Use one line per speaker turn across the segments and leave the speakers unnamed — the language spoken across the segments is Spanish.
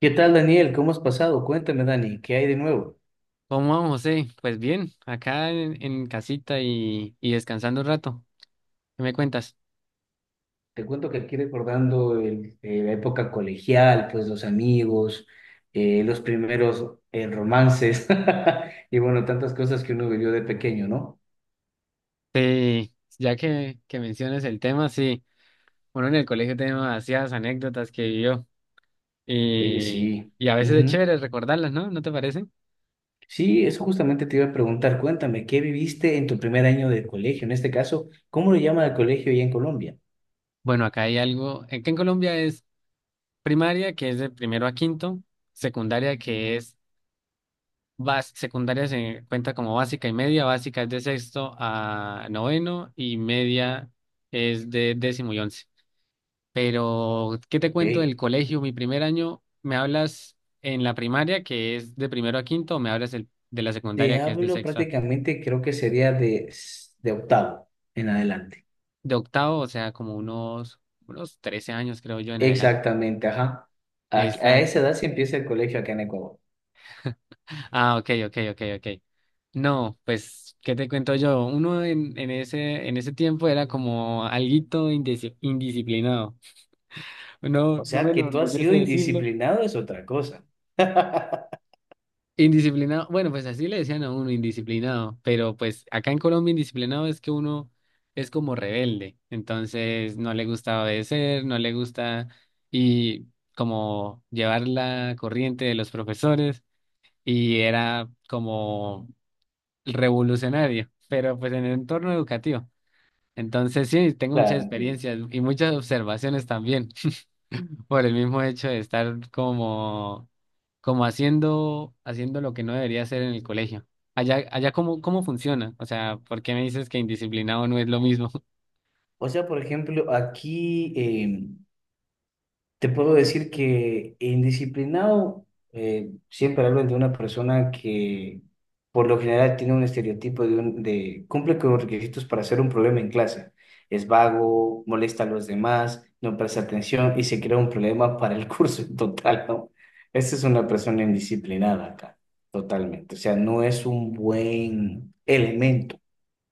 ¿Qué tal, Daniel? ¿Cómo has pasado? Cuéntame, Dani, ¿qué hay de nuevo?
¿Cómo vamos, José? Pues bien, acá en casita y descansando un rato. ¿Qué me cuentas?
Te cuento que aquí recordando la época colegial, pues los amigos, los primeros romances y bueno, tantas cosas que uno vivió de pequeño, ¿no?
Sí, ya que mencionas el tema, sí, uno en el colegio tiene demasiadas anécdotas que vivió
Oye,
y,
sí.
y a veces es
Ujú.
chévere recordarlas, ¿no? ¿No te parece?
Sí, eso justamente te iba a preguntar. Cuéntame, ¿qué viviste en tu primer año de colegio? En este caso, ¿cómo le llama el colegio allá en Colombia?
Bueno, acá hay algo, que en Colombia es primaria, que es de primero a quinto, secundaria, secundaria se cuenta como básica y media. Básica es de sexto a noveno y media es de décimo y once. Pero ¿qué te cuento del
Ok.
colegio? Mi primer año, ¿me hablas en la primaria, que es de primero a quinto, o me hablas de la
Te
secundaria, que es de
hablo
sexta,
prácticamente, creo que sería de octavo en adelante.
de octavo? O sea, como unos 13 años, creo yo, ¿en adelante?
Exactamente, ajá. A esa
Exacto.
edad se empieza el colegio acá en Ecuador.
Ah, ok, ok, ok, ok. No, pues, ¿qué te cuento yo? Uno en ese tiempo era como alguito indisciplinado. No,
O
no me
sea, que tú has
enorgullece
sido
decirlo.
indisciplinado es otra cosa.
Indisciplinado, bueno, pues así le decían a uno, indisciplinado, pero pues acá en Colombia indisciplinado es que uno es como rebelde, entonces no le gusta obedecer, no le gusta y como llevar la corriente de los profesores y era como revolucionario, pero pues en el entorno educativo. Entonces sí, tengo muchas
Claro, entiendo.
experiencias y muchas observaciones también por el mismo hecho de estar como, como haciendo lo que no debería hacer en el colegio. Allá cómo funciona. O sea, ¿por qué me dices que indisciplinado no es lo mismo?
O sea, por ejemplo, aquí, te puedo decir que indisciplinado, siempre hablo de una persona que por lo general tiene un estereotipo de cumple con los requisitos para ser un problema en clase. Es vago, molesta a los demás, no presta atención y se crea un problema para el curso en total, ¿no? Esa es una persona indisciplinada acá, totalmente. O sea, no es un buen elemento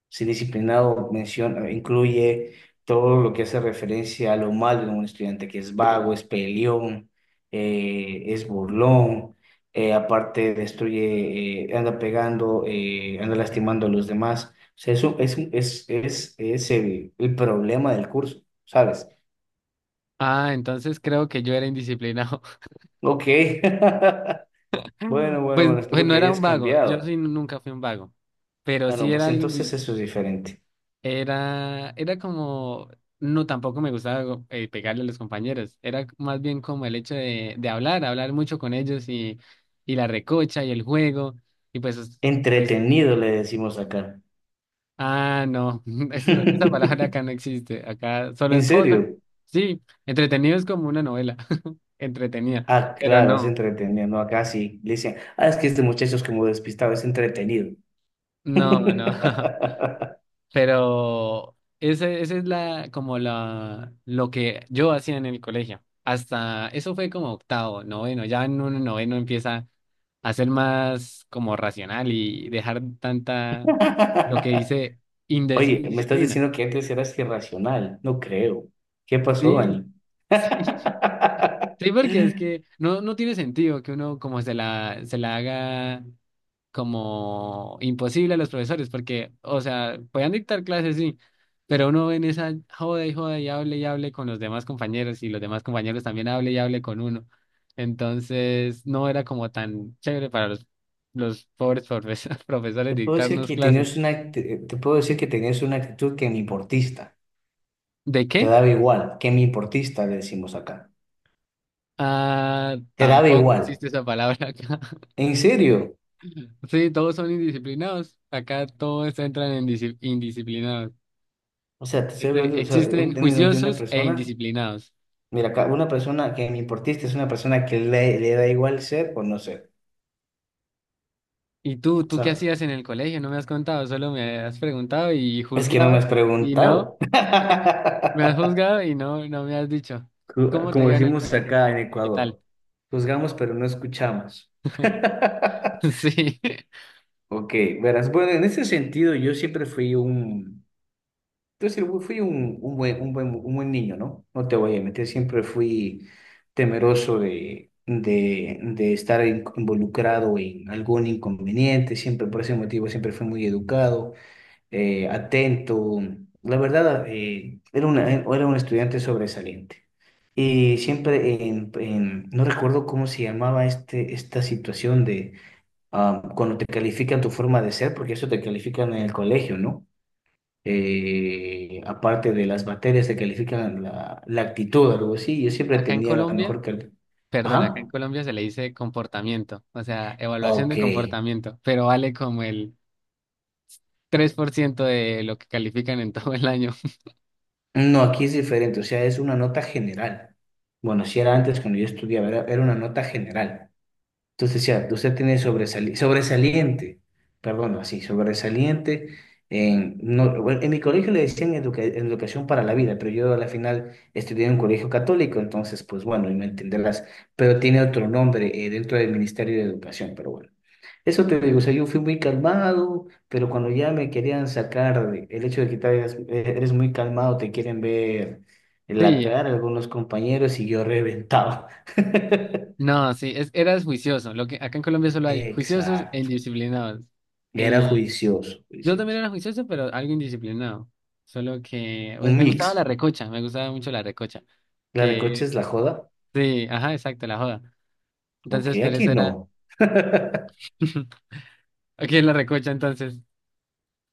ser disciplinado menciona, incluye todo lo que hace referencia a lo malo de un estudiante, que es vago, es peleón, es burlón, aparte destruye, anda pegando, anda lastimando a los demás. O sea, eso es, un- es el problema del curso, ¿sabes?
Ah, entonces creo que yo era indisciplinado.
Ok. Bueno, bueno,
Pues,
bueno,
pues
espero
no
que
era
hayas
un vago, yo
cambiado.
sí nunca fui un vago, pero
Ah, no,
sí era
pues
algo
entonces
indi-
eso es diferente.
Era como, no, tampoco me gustaba pegarle a los compañeros. Era más bien como el hecho de hablar mucho con ellos y la recocha y el juego, y pues, pues,
Entretenido, le decimos acá.
ah, no, esa palabra acá no existe. Acá solo
¿En
es todo,
serio?
sí, entretenido es como una novela, entretenida,
Ah,
pero
claro, es
no,
entretenido, ¿no? Acá sí le dicen, ah, es que este muchacho es como despistado, es entretenido.
no, no, Pero ese es la, como la, lo que yo hacía en el colegio. Hasta eso fue como octavo, noveno. Ya en un noveno empieza a ser más como racional y dejar tanta, lo que dice,
Oye, me estás
indisciplina.
diciendo que antes eras irracional. No creo. ¿Qué pasó,
Sí,
Dani?
sí, sí, porque es que no, no tiene sentido que uno como se la haga como imposible a los profesores, porque, o sea, podían dictar clases, sí, pero uno ve en esa joda y joda y hable con los demás compañeros y los demás compañeros también hable y hable con uno. Entonces, no era como tan chévere para los pobres profes- profesores
Te puedo decir
dictarnos
que
clases.
tenías una, act- te puedo decir que tenías una actitud que me importista.
¿De
Te
qué?
daba igual, que me importista, le decimos acá.
Ah,
Te daba
tampoco
igual.
existe esa palabra acá.
¿En serio?
Sí, todos son indisciplinados. Acá todos entran en disci- indisciplinados.
O sea, te estoy hablando,
Este,
o sea, un
existen
término de una
juiciosos e
persona.
indisciplinados.
Mira, una persona que me importista es una persona que le da igual ser o no ser,
¿Y tú qué
¿sabes?
hacías en el colegio? No me has contado, solo me has preguntado y
Es que no me
juzgado
has
y no.
preguntado.
Me has juzgado y no, no me has dicho.
Co-
¿Cómo te
Como
iba en el
decimos
colegio?
acá
¿Qué
en
qué tal?
Ecuador, juzgamos pero no escuchamos.
Sí.
Ok, verás, bueno, en ese sentido yo siempre fui un… Entonces fui un buen niño, ¿no? No te voy a meter. Siempre fui temeroso de estar involucrado en algún inconveniente, siempre por ese motivo siempre fui muy educado, atento. La verdad, era un estudiante sobresaliente. Y siempre, no recuerdo cómo se llamaba esta situación de cuando te califican tu forma de ser, porque eso te califican en el colegio, ¿no? Aparte de las materias que califican la actitud, algo así, yo siempre
Acá en
tenía la
Colombia,
mejor calidad.
perdón, acá en
Ajá,
Colombia se le dice comportamiento, o sea, evaluación
ok.
de comportamiento, pero vale como el 3% de lo que califican en todo el año.
No, aquí es diferente, o sea, es una nota general. Bueno, si era antes cuando yo estudiaba, era, era una nota general. Entonces, ya, usted tiene sobresaliente, perdón, así, sobresaliente no, bueno, en mi colegio le decían educación para la vida, pero yo a la final estudié en un colegio católico, entonces, pues bueno, y me entenderás, pero tiene otro nombre dentro del Ministerio de Educación, pero bueno. Eso te digo, o sea, yo fui muy calmado, pero cuando ya me querían sacar el hecho de que tal vez eres muy calmado, te quieren ver en la
Sí,
cara algunos compañeros y yo reventaba.
no, sí, eras juicioso. Lo que acá en Colombia solo hay juiciosos e
Exacto.
indisciplinados.
Era
Eh,
juicioso,
Yo también
juicioso.
era juicioso, pero algo indisciplinado. Solo que, pues
Un
me gustaba la
mix.
recocha, me gustaba mucho la recocha.
La de coche
Que,
es la joda.
sí, ajá, exacto, la joda.
Ok,
Entonces, por
aquí
eso era,
no.
aquí en la recocha, entonces,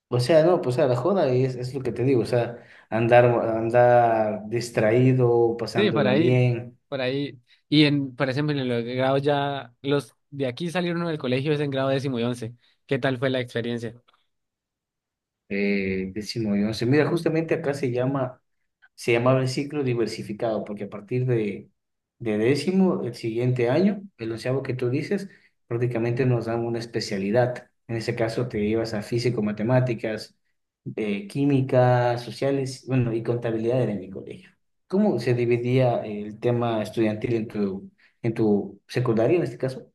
O sea, no, pues o sea la joda es lo que te digo. O sea, andar, andar distraído,
sí, por
pasándola
ahí,
bien.
por ahí. Y por ejemplo, en los grados ya, los de aquí salieron del colegio es en grado décimo y once. ¿Qué tal fue la experiencia?
Décimo y once. Mira, justamente acá se llamaba el ciclo diversificado, porque a partir de décimo, el siguiente año, el onceavo que tú dices, prácticamente nos dan una especialidad. En ese caso te ibas a físico, matemáticas, química, sociales, bueno, y contabilidad era en mi colegio. ¿Cómo se dividía el tema estudiantil en tu secundaria, en este caso?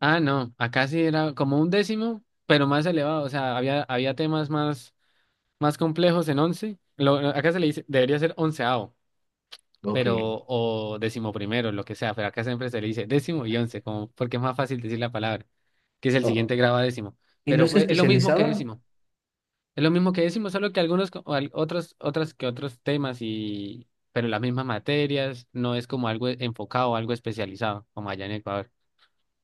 Ah, no, acá sí era como un décimo, pero más elevado, o sea, había temas más, más complejos en once. Lo, acá se le dice, debería ser onceavo,
Ok.
pero o décimo primero, lo que sea, pero acá siempre se le dice décimo y once, como porque es más fácil decir la palabra, que es el
Oh,
siguiente grado a décimo,
¿Y no
pero
se
fue es lo mismo que
especializaban?
décimo, es lo mismo que décimo, solo que algunos otros otras que otros temas y pero las mismas materias, no es como algo enfocado o algo especializado como allá en Ecuador.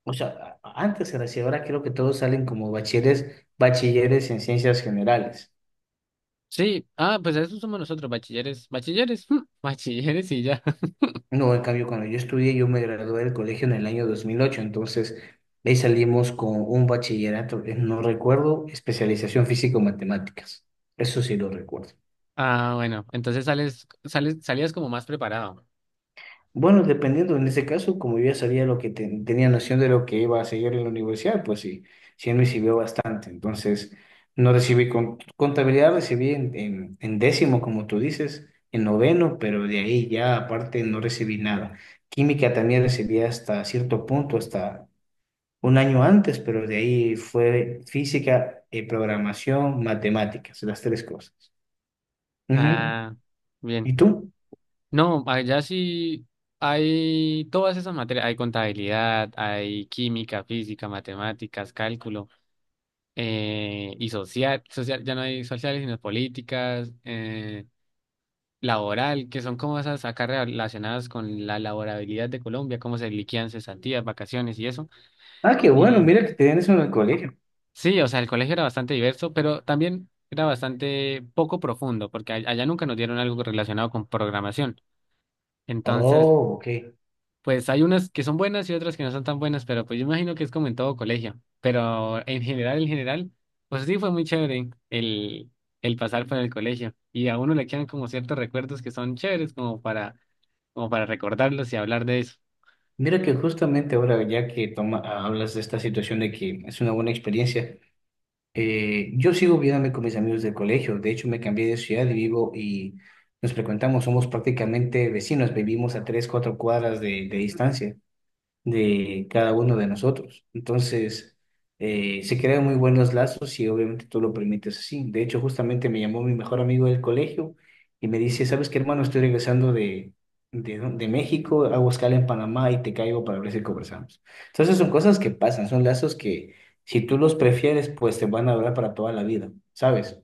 O sea, antes era así, ahora creo que todos salen como bachilleres, bachilleres en ciencias generales.
Sí, ah, pues eso somos nosotros, bachilleres, bachilleres, bachilleres y ya.
No, en cambio, cuando yo estudié, yo me gradué del colegio en el año 2008, entonces de ahí salimos con un bachillerato, no recuerdo, especialización físico-matemáticas. Eso sí lo recuerdo.
Ah, bueno, entonces salías como más preparado.
Bueno, dependiendo en ese caso, como yo ya sabía lo que tenía noción de lo que iba a seguir en la universidad, pues sí, sí me sirvió bastante. Entonces, no recibí contabilidad, recibí en décimo, como tú dices, en noveno, pero de ahí ya aparte no recibí nada. Química también recibí hasta cierto punto, hasta un año antes, pero de ahí fue física, programación, matemáticas, las tres cosas. Ujú.
Ah,
¿Y
bien.
tú?
No, allá sí hay todas esas materias, hay contabilidad, hay química, física, matemáticas, cálculo, y social, social, ya no hay sociales, sino políticas, laboral, que son como esas acá relacionadas con la laborabilidad de Colombia, cómo se liquidan cesantías, vacaciones y eso.
Ah, qué bueno,
Y
mira que te den eso en el colegio.
sí, o sea, el colegio era bastante diverso, pero también era bastante poco profundo, porque allá nunca nos dieron algo relacionado con programación. Entonces,
Oh, ok.
pues hay unas que son buenas y otras que no son tan buenas, pero pues yo imagino que es como en todo colegio. Pero en general, pues sí fue muy chévere el pasar por el colegio. Y a uno le quedan como ciertos recuerdos que son chéveres como para, como para recordarlos y hablar de eso.
Mira que justamente ahora, ya que toma, hablas de esta situación de que es una buena experiencia, yo sigo viéndome con mis amigos del colegio. De hecho, me cambié de ciudad y vivo y nos frecuentamos, somos prácticamente vecinos, vivimos a tres, cuatro cuadras de distancia de cada uno de nosotros. Entonces, se crean muy buenos lazos y obviamente tú lo permites así. De hecho, justamente me llamó mi mejor amigo del colegio y me dice, ¿sabes qué, hermano? Estoy regresando de, ¿no?, de México, hago escala en Panamá y te caigo para ver si conversamos. Entonces, son cosas que pasan, son lazos que si tú los prefieres, pues te van a durar para toda la vida, ¿sabes?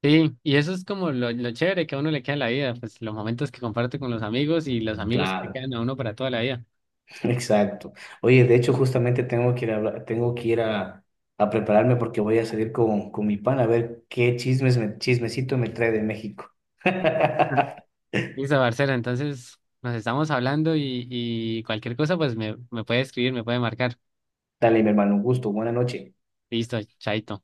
Sí, y eso es como lo chévere que a uno le queda en la vida, pues los momentos que comparte con los amigos y los amigos que le
Claro.
quedan a uno para toda la vida.
Exacto. Oye, de hecho, justamente tengo que ir a prepararme porque voy a salir con mi pan a ver qué chismecito me trae de México.
Ujú. Listo, Barcela, entonces nos estamos hablando y cualquier cosa pues me puede escribir, me puede marcar.
Dale, mi hermano, un gusto. Buena noche.
Listo, chaito.